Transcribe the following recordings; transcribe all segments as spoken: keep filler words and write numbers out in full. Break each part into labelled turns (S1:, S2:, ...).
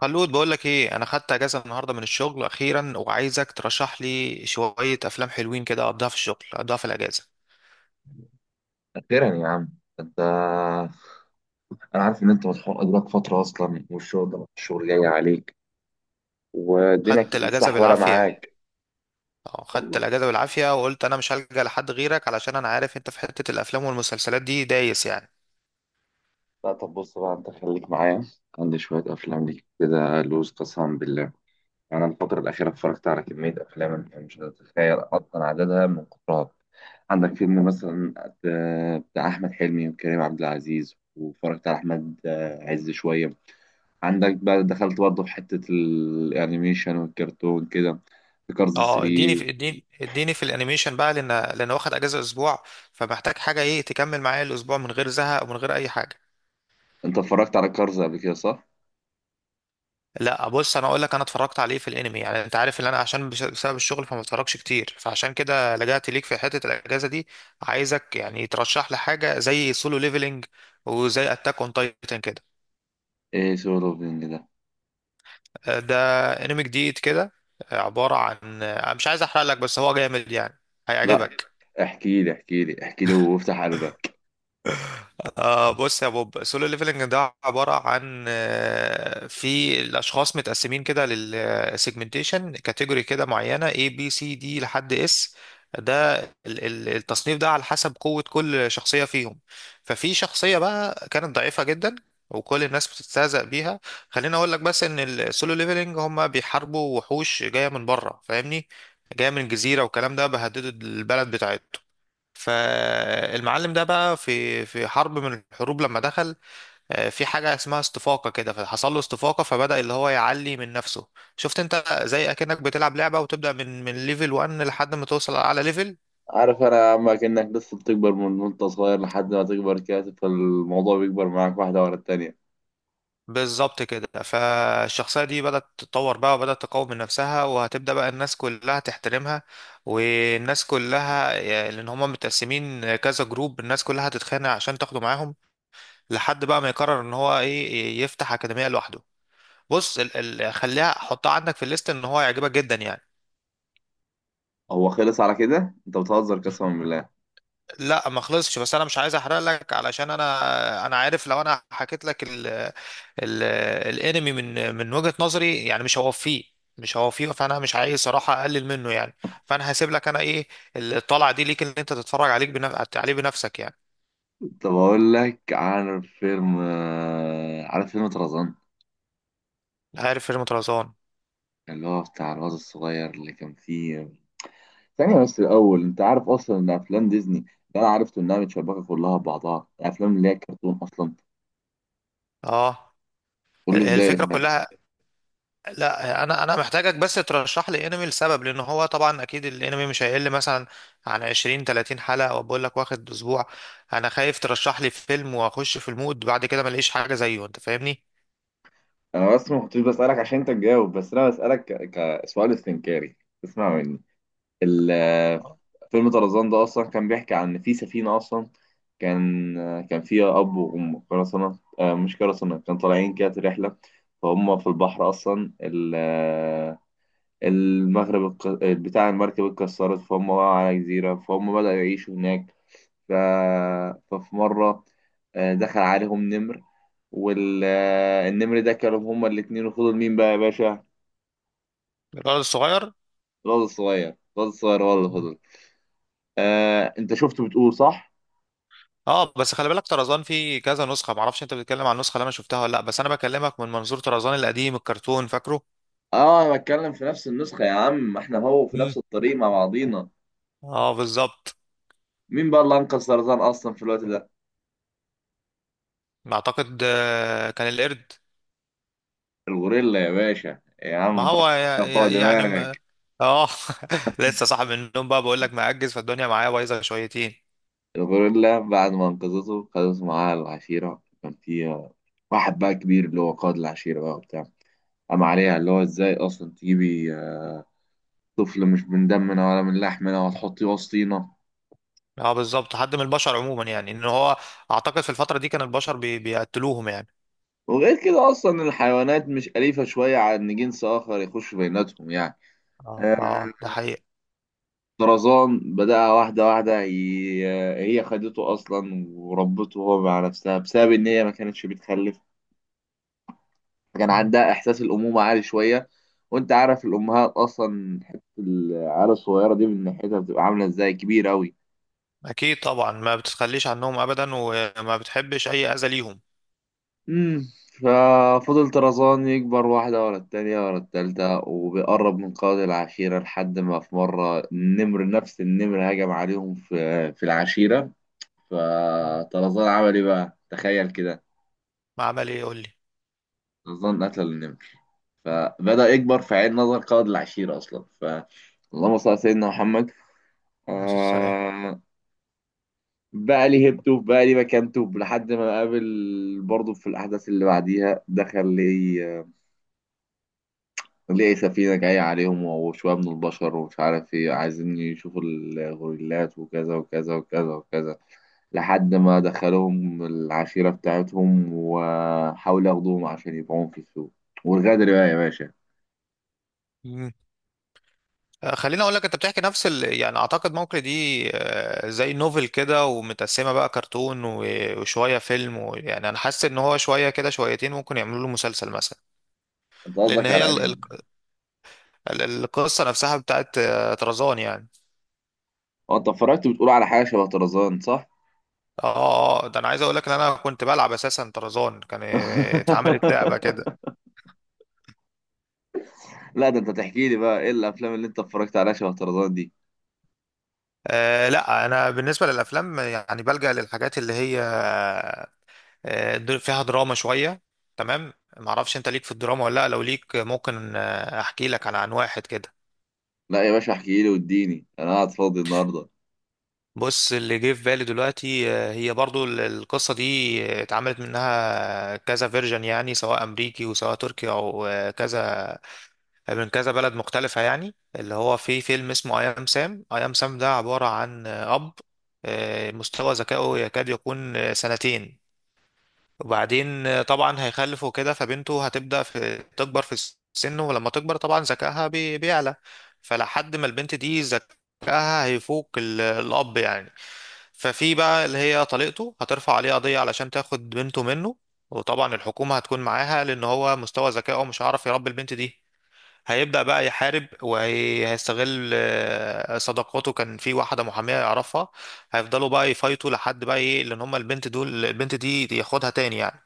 S1: خلود، بقول لك ايه، انا خدت اجازه النهارده من الشغل اخيرا، وعايزك ترشح لي شويه افلام حلوين كده، اقضيها في الشغل اقضيها في الاجازه.
S2: أخيرا يا عم أنت. أنا عارف إن أنت مسحوق أدراك فترة أصلا، والشغل ده الشغل جاي عليك. والدنيا
S1: خدت
S2: كانت
S1: الاجازه
S2: متصح ولا
S1: بالعافيه
S2: معاك؟
S1: اه، خدت
S2: والله
S1: الاجازه بالعافيه، وقلت انا مش هلجأ لحد غيرك علشان انا عارف انت في حته الافلام والمسلسلات دي دايس يعني.
S2: لا، طب بص بقى أنت خليك معايا. عندي شوية أفلام ليك كده لوز قسما بالله. أنا الفترة الأخيرة اتفرجت على كمية أفلام أنت مش هتتخيل أصلا عددها من كترها. عندك فيلم مثلا بتاع أحمد حلمي وكريم عبد العزيز، واتفرجت على أحمد عز شوية. عندك بقى دخلت برضه في حتة الأنيميشن والكرتون كده، في كارز
S1: اه، اديني في،
S2: ثلاثة.
S1: اديني اديني في الانيميشن بقى، لان لان واخد اجازه اسبوع، فمحتاج حاجه ايه تكمل معايا الاسبوع من غير زهق ومن غير اي حاجه.
S2: أنت اتفرجت على كارز قبل كده صح؟
S1: لا، بص انا اقول لك، انا اتفرجت عليه في الانمي. يعني انت عارف ان انا عشان بش- بسبب الشغل فما بتفرجش كتير، فعشان كده لجأت ليك في حتة الاجازة دي. عايزك يعني ترشح لي حاجة زي سولو ليفلينج، وزي اتاك اون تايتن كده.
S2: إيه سولو بينج ده؟
S1: آه، ده انمي جديد كده. آه، عبارة عن، آه، مش عايز احرق لك بس هو جامد يعني،
S2: لا،
S1: هيعجبك.
S2: احكي لي احكي لي احكي لي وافتح قلبك.
S1: آه بص يا بوب، سولو ليفلنج ده عبارة عن آه، في الأشخاص متقسمين كده للسيجمنتيشن كاتيجوري كده معينة إيه بي سي دي لحد إس. ده ال- ال- التصنيف ده على حسب قوة كل شخصية فيهم. ففي شخصية بقى كانت ضعيفة جدا، وكل الناس بتستهزأ بيها. خليني أقول لك بس إن السولو ليفلنج هما بيحاربوا وحوش جاية من بره، فاهمني؟ جاية من جزيرة والكلام ده، بهددوا البلد بتاعتهم. فالمعلم ده بقى في في حرب من الحروب، لما دخل آه، في حاجة اسمها استفاقة كده، فحصل له استفاقة فبدأ اللي هو يعلي من نفسه. شفت انت، زي اكنك بتلعب لعبة وتبدأ من من ليفل واحد لحد ما توصل على ليفل.
S2: عارف أنا أما كأنك لسه بتكبر من وأنت صغير لحد ما تكبر كده، فالموضوع بيكبر معاك واحدة ورا التانية.
S1: بالظبط كده. فالشخصية دي بدأت تتطور بقى، وبدأت تقوم من نفسها، وهتبدأ بقى الناس كلها تحترمها. والناس كلها يعني، لأن هما متقسمين كذا جروب، الناس كلها هتتخانق عشان تاخده معاهم، لحد بقى ما يقرر ان هو ايه، يفتح أكاديمية لوحده. بص، ال ال خليها حطها عندك في الليست، ان هو يعجبك جدا يعني.
S2: هو خلص على كده؟ أنت بتهزر قسما بالله.
S1: لا، ما خلصش، بس انا مش عايز احرق لك علشان انا انا عارف، لو انا حكيت لك ال ال الانمي من من وجهة نظري يعني مش هوفيه، مش هوفيه فانا مش عايز صراحة اقلل منه يعني. فانا هسيب لك انا ايه، الطلعة دي ليك ان انت تتفرج عليك بنف... عليه بنفسك يعني.
S2: طب أقول لك، عارف فيلم، عارف فيلم طرزان
S1: عارف فيلم طرزان؟
S2: اللي هو بتاع الواد الصغير اللي كان فيه؟ ثانية بس الأول، أنت عارف أصلا إن أفلام ديزني اللي أنا عرفته إنها متشابكة كلها ببعضها الأفلام اللي هي كرتون أصلا؟
S1: اه،
S2: تقول لي إزاي.
S1: الفكرة كلها. لا، انا انا محتاجك بس ترشح لي انمي لسبب، لان هو طبعا اكيد الانمي مش هيقل مثلا عن عشرين تلاتين حلقه، وبقول لك واخد اسبوع. انا خايف ترشح لي فيلم واخش في المود، بعد كده ما الاقيش حاجه زيه، انت فاهمني؟
S2: أنا بس ما كنتش بسألك عشان أنت تجاوب بس أنا بسألك ك- كسؤال استنكاري اسمع مني ال- فيلم طرزان ده أصلا كان بيحكي عن إن في سفينة أصلا، كان كان فيها أب وأم قرصنة، آه، مش قرصنة، كان طالعين كده رحلة. فهم في البحر أصلا، ال- المغرب الق- بتاع المركب اتكسرت، فهم بقى على جزيرة، فهم بدأوا يعيشوا هناك. ف... ففي مرة آه، دخل عليهم نمر، والنمر ده كلهم هما الاتنين، وفضل مين بقى يا باشا؟
S1: الولد الصغير.
S2: الواد الصغير، الواد الصغير هو اللي فضل. آه، انت شفته بتقول صح؟
S1: اه، بس خلي بالك، طرزان فيه كذا نسخه، معرفش انت بتتكلم عن النسخه اللي انا شفتها ولا لا، بس انا بكلمك من منظور طرزان القديم الكرتون، فاكره؟
S2: اه انا بتكلم في نفس النسخة يا عم، ما احنا هو في
S1: مم.
S2: نفس الطريق مع بعضينا.
S1: اه، بالظبط.
S2: مين بقى اللي انقذ سرطان اصلا في الوقت ده؟
S1: اعتقد آه، كان القرد.
S2: الغوريلا يا باشا يا
S1: ما
S2: عم، فحص
S1: هو يا-
S2: فوق
S1: يا- يعني م-
S2: دماغك.
S1: اه، لسه صاحي من النوم بقى، بقول لك مأجز، فالدنيا معايا بايظه شويتين.
S2: الغوريلا بعد ما انقذته خدته معاها العشيرة، كان فيها واحد بقى كبير اللي هو قائد العشيرة بقى وبتاع، قام عليها اللي هو ازاي اصلا تجيبي آه، طفل مش من دمنا ولا من لحمنا وتحطيه وسطينا؟
S1: اه، بالظبط، حد من البشر عموما يعني، ان هو اعتقد في الفتره دي كان البشر بي... بيقتلوهم يعني.
S2: وغير كده اصلا الحيوانات مش أليفة شوية على ان جنس اخر يخش بيناتهم يعني.
S1: اه،
S2: آه،
S1: اه. ده آه. حقيقي.
S2: طرزان بدأ واحدة واحدة ي- آه، هي خدته اصلا وربته هو مع نفسها بسبب ان هي ما كانتش بتخلف، كان
S1: مم.
S2: عندها احساس الامومة عالي شوية. وانت عارف الامهات اصلا حتة العيال الصغيرة دي من ناحيتها بتبقى عاملة ازاي، كبيرة اوي.
S1: اكيد طبعا، ما بتتخليش عنهم ابدا وما بتحبش اي اذى ليهم.
S2: امم ففضل طرزان يكبر واحدة ورا التانية ورا التالتة، وبيقرب من قاضي العشيرة لحد ما في مرة النمر نفس النمر هجم عليهم في في العشيرة،
S1: مم.
S2: فطرزان عمل ايه بقى؟ تخيل كده.
S1: ما عمل ايه، يقول لي؟
S2: طرزان قتل النمر، فبدأ يكبر في عين نظر قاضي العشيرة أصلا. ف اللهم صل على سيدنا محمد.
S1: عليه الصلاه والسلام.
S2: آه... بقى لي هيبته، بقى لي مكانته لحد ما قابل برضه في الأحداث اللي بعديها، دخل لي آه، ليه سفينة جاية عليهم وشوية من البشر ومش عارف ايه، عايزين يشوفوا الغوريلات وكذا وكذا وكذا وكذا، لحد ما دخلوهم العشيرة بتاعتهم وحاولوا ياخدوهم عشان يبيعوهم في السوق. والغدر بقى يا باشا.
S1: آه، خليني اقول لك، انت بتحكي نفس ال... يعني اعتقد ممكن دي آه، زي نوفل كده، ومتقسمه بقى كرتون و... وشويه فيلم و... يعني انا حاسس ان هو شويه كده شويتين ممكن يعملوا له مسلسل مثلا.
S2: انت
S1: لان
S2: قصدك
S1: هي
S2: على
S1: ال...
S2: انهي؟
S1: ال... ال- القصه نفسها بتاعت آه، طرزان يعني.
S2: هو انت اتفرجت بتقول على حاجة شبه طرزان صح؟
S1: اه، آه، آه، ده انا عايز اقول لك ان انا كنت بلعب اساسا، طرزان كان آه، اتعملت لعبه كده.
S2: لا ده انت تحكي لي بقى ايه الافلام اللي انت اتفرجت عليها شبه طرزان دي؟
S1: آه لا، انا بالنسبه للافلام يعني بلجأ للحاجات اللي هي آه، در- فيها دراما شوية. تمام. معرفش انت ليك في الدراما ولا لا؟ لو ليك، آه، ممكن آه، احكي لك عن عن واحد كده.
S2: لا يا باشا احكي لي، واديني انا قاعد فاضي النهارده.
S1: بص، اللي جه في بالي دلوقتي، آه، هي برضو ال- القصة دي آه، اتعملت منها كذا فيرجن يعني، سواء امريكي وسواء تركي او آه، كذا، من كذا بلد مختلفة يعني، اللي هو في فيلم اسمه اي ام سام. اي ام سام ده عبارة عن آه، اب، آه، مستوى ذكائه يكاد يكون آه، سنتين. وبعدين آه، طبعا هيخلف وكده، فبنته هتبدأ في تكبر في السن، ولما تكبر طبعا ذكائها بي- بيعلى. فلحد ما البنت دي ذكائها هيفوق ال- الأب يعني. ففي بقى اللي هي طليقته هترفع عليه قضية علشان تاخد بنته منه، وطبعا الحكومة هتكون معاها، لأن هو مستوى ذكائه مش هيعرف يربي البنت دي. هيبدأ بقى يحارب، وهيستغل آه، صداقاته. كان في واحدة محامية يعرفها. هيفضلوا بقى يفايتوا لحد بقى ايه، لان هما البنت دول البنت دي دي ياخدها تاني يعني.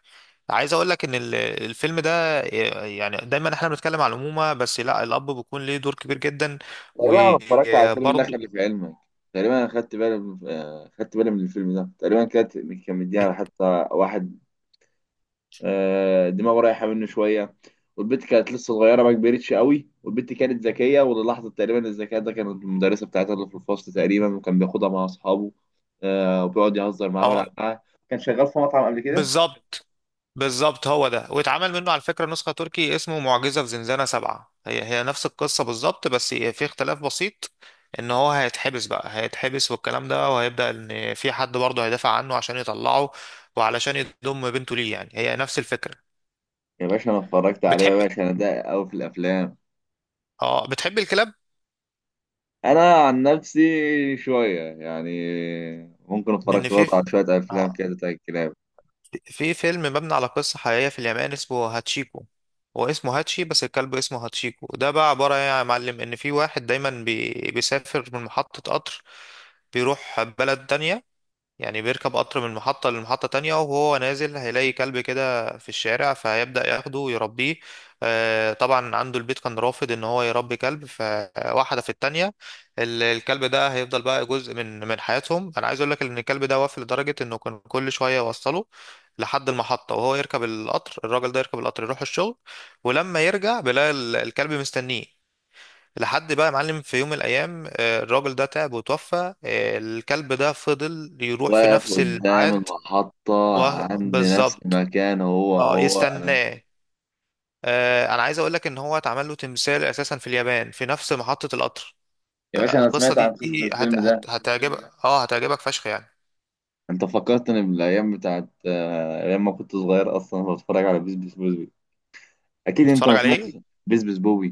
S1: عايز اقول لك ان ال- الفيلم ده آه، يعني دايما احنا بنتكلم على الأمومة، بس لا، الأب بيكون ليه دور كبير جدا.
S2: تقريبا انا اتفرجت على الفيلم ده،
S1: وبرضه.
S2: خلي في علمك. تقريبا انا خدت بالي من آه، خدت بالي من الفيلم ده، تقريبا كانت كان مديها حتى واحد آه، دماغه رايحه منه شويه، والبنت كانت لسه صغيره ما كبرتش قوي، والبنت كانت ذكيه وللحظه تقريبا الذكاء ده كانت المدرسه بتاعتها اللي في الفصل تقريبا، وكان بياخدها مع اصحابه آه، وبيقعد يهزر معاها ويلعب
S1: اه،
S2: معاها. كان شغال في مطعم قبل كده.
S1: بالظبط بالظبط، هو ده، واتعمل منه على فكرة نسخة تركي اسمه معجزة في زنزانة سبعة. هي هي نفس القصة بالظبط، بس في اختلاف بسيط، ان هو هيتحبس بقى، هيتحبس والكلام ده، وهيبدأ ان في حد برضه هيدافع عنه عشان يطلعه، وعلشان يضم بنته ليه يعني. هي نفس الفكرة.
S2: يا باشا انا اتفرجت عليه، يا
S1: بتحب
S2: باشا انا ده قوي في الافلام.
S1: اه بتحب الكلاب؟
S2: انا عن نفسي شويه يعني، ممكن
S1: لان
S2: اتفرجت
S1: في
S2: برضه على شويه افلام
S1: اه
S2: كده بتاع الكلاب.
S1: في فيلم مبني على قصة حقيقية في اليابان اسمه هاتشيكو. هو اسمه هاتشي، بس الكلب اسمه هاتشيكو. ده بقى عبارة ايه يا معلم، ان في واحد دايما بي... بيسافر من محطة قطر، بيروح بلد تانية، يعني بيركب قطر من محطة لمحطة تانية، وهو نازل هيلاقي كلب كده في الشارع، فهيبدأ ياخده ويربيه. آه، طبعا عنده البيت كان رافض ان هو يربي كلب، فواحدة في التانية ال- الكلب ده هيفضل بقى جزء من من حياتهم. انا عايز اقول لك ان الكلب ده وافي، لدرجة انه كان كل شوية يوصله لحد المحطة، وهو يركب القطر، الراجل ده يركب القطر يروح الشغل، ولما يرجع بيلاقي ال- الكلب مستنيه. لحد بقى يا معلم في يوم من الايام، آه، الراجل ده تعب وتوفى. آه، الكلب ده فضل يروح في
S2: واقف
S1: نفس
S2: قدام
S1: الميعاد.
S2: المحطه
S1: و-
S2: عند نفس
S1: بالظبط.
S2: المكان، هو
S1: اه،
S2: هو انا.
S1: يستناه. آه، انا عايز اقول لك ان هو اتعمل له تمثال اساسا في اليابان في نفس محطة القطر.
S2: يا باشا
S1: فلا،
S2: انا
S1: القصة
S2: سمعت عن
S1: دي
S2: قصه
S1: هت...
S2: الفيلم ده.
S1: هت... هتعجبك. اه هتعجبك فشخ يعني.
S2: انت فكرتني بالايام بتاعت آه، ايام ما كنت صغير اصلا، بتفرج على بيس بيس بوبي. اكيد انت
S1: بتتفرج
S2: ما سمعتش
S1: عليه؟
S2: بيس بيس بوبي.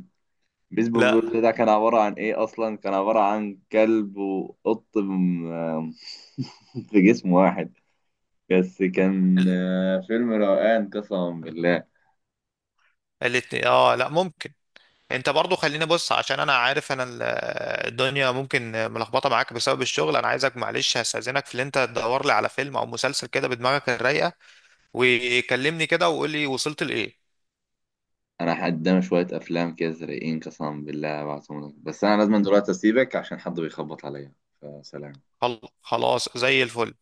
S2: بيس بيس
S1: لا،
S2: بوبي ده كان عباره عن ايه اصلا، كان عباره عن كلب وقط م- في جسم واحد، بس كان
S1: ال-
S2: آه، فيلم روقان قسما بالله.
S1: الاتنين. اه لا، ممكن. انت برضو، خليني بص، عشان انا عارف انا ال- الدنيا ممكن ملخبطه معاك بسبب الشغل. انا عايزك معلش، هستاذنك في اللي انت تدور لي على فيلم او مسلسل كده بدماغك الرايقه، وكلمني كده وقول لي وصلت لايه.
S2: انا قدامي شويه افلام كده زرقين قسما بالله بعتهم لك، بس انا لازم دلوقتي اسيبك عشان حد بيخبط عليا، فسلام.
S1: خل- خلاص، زي الفل.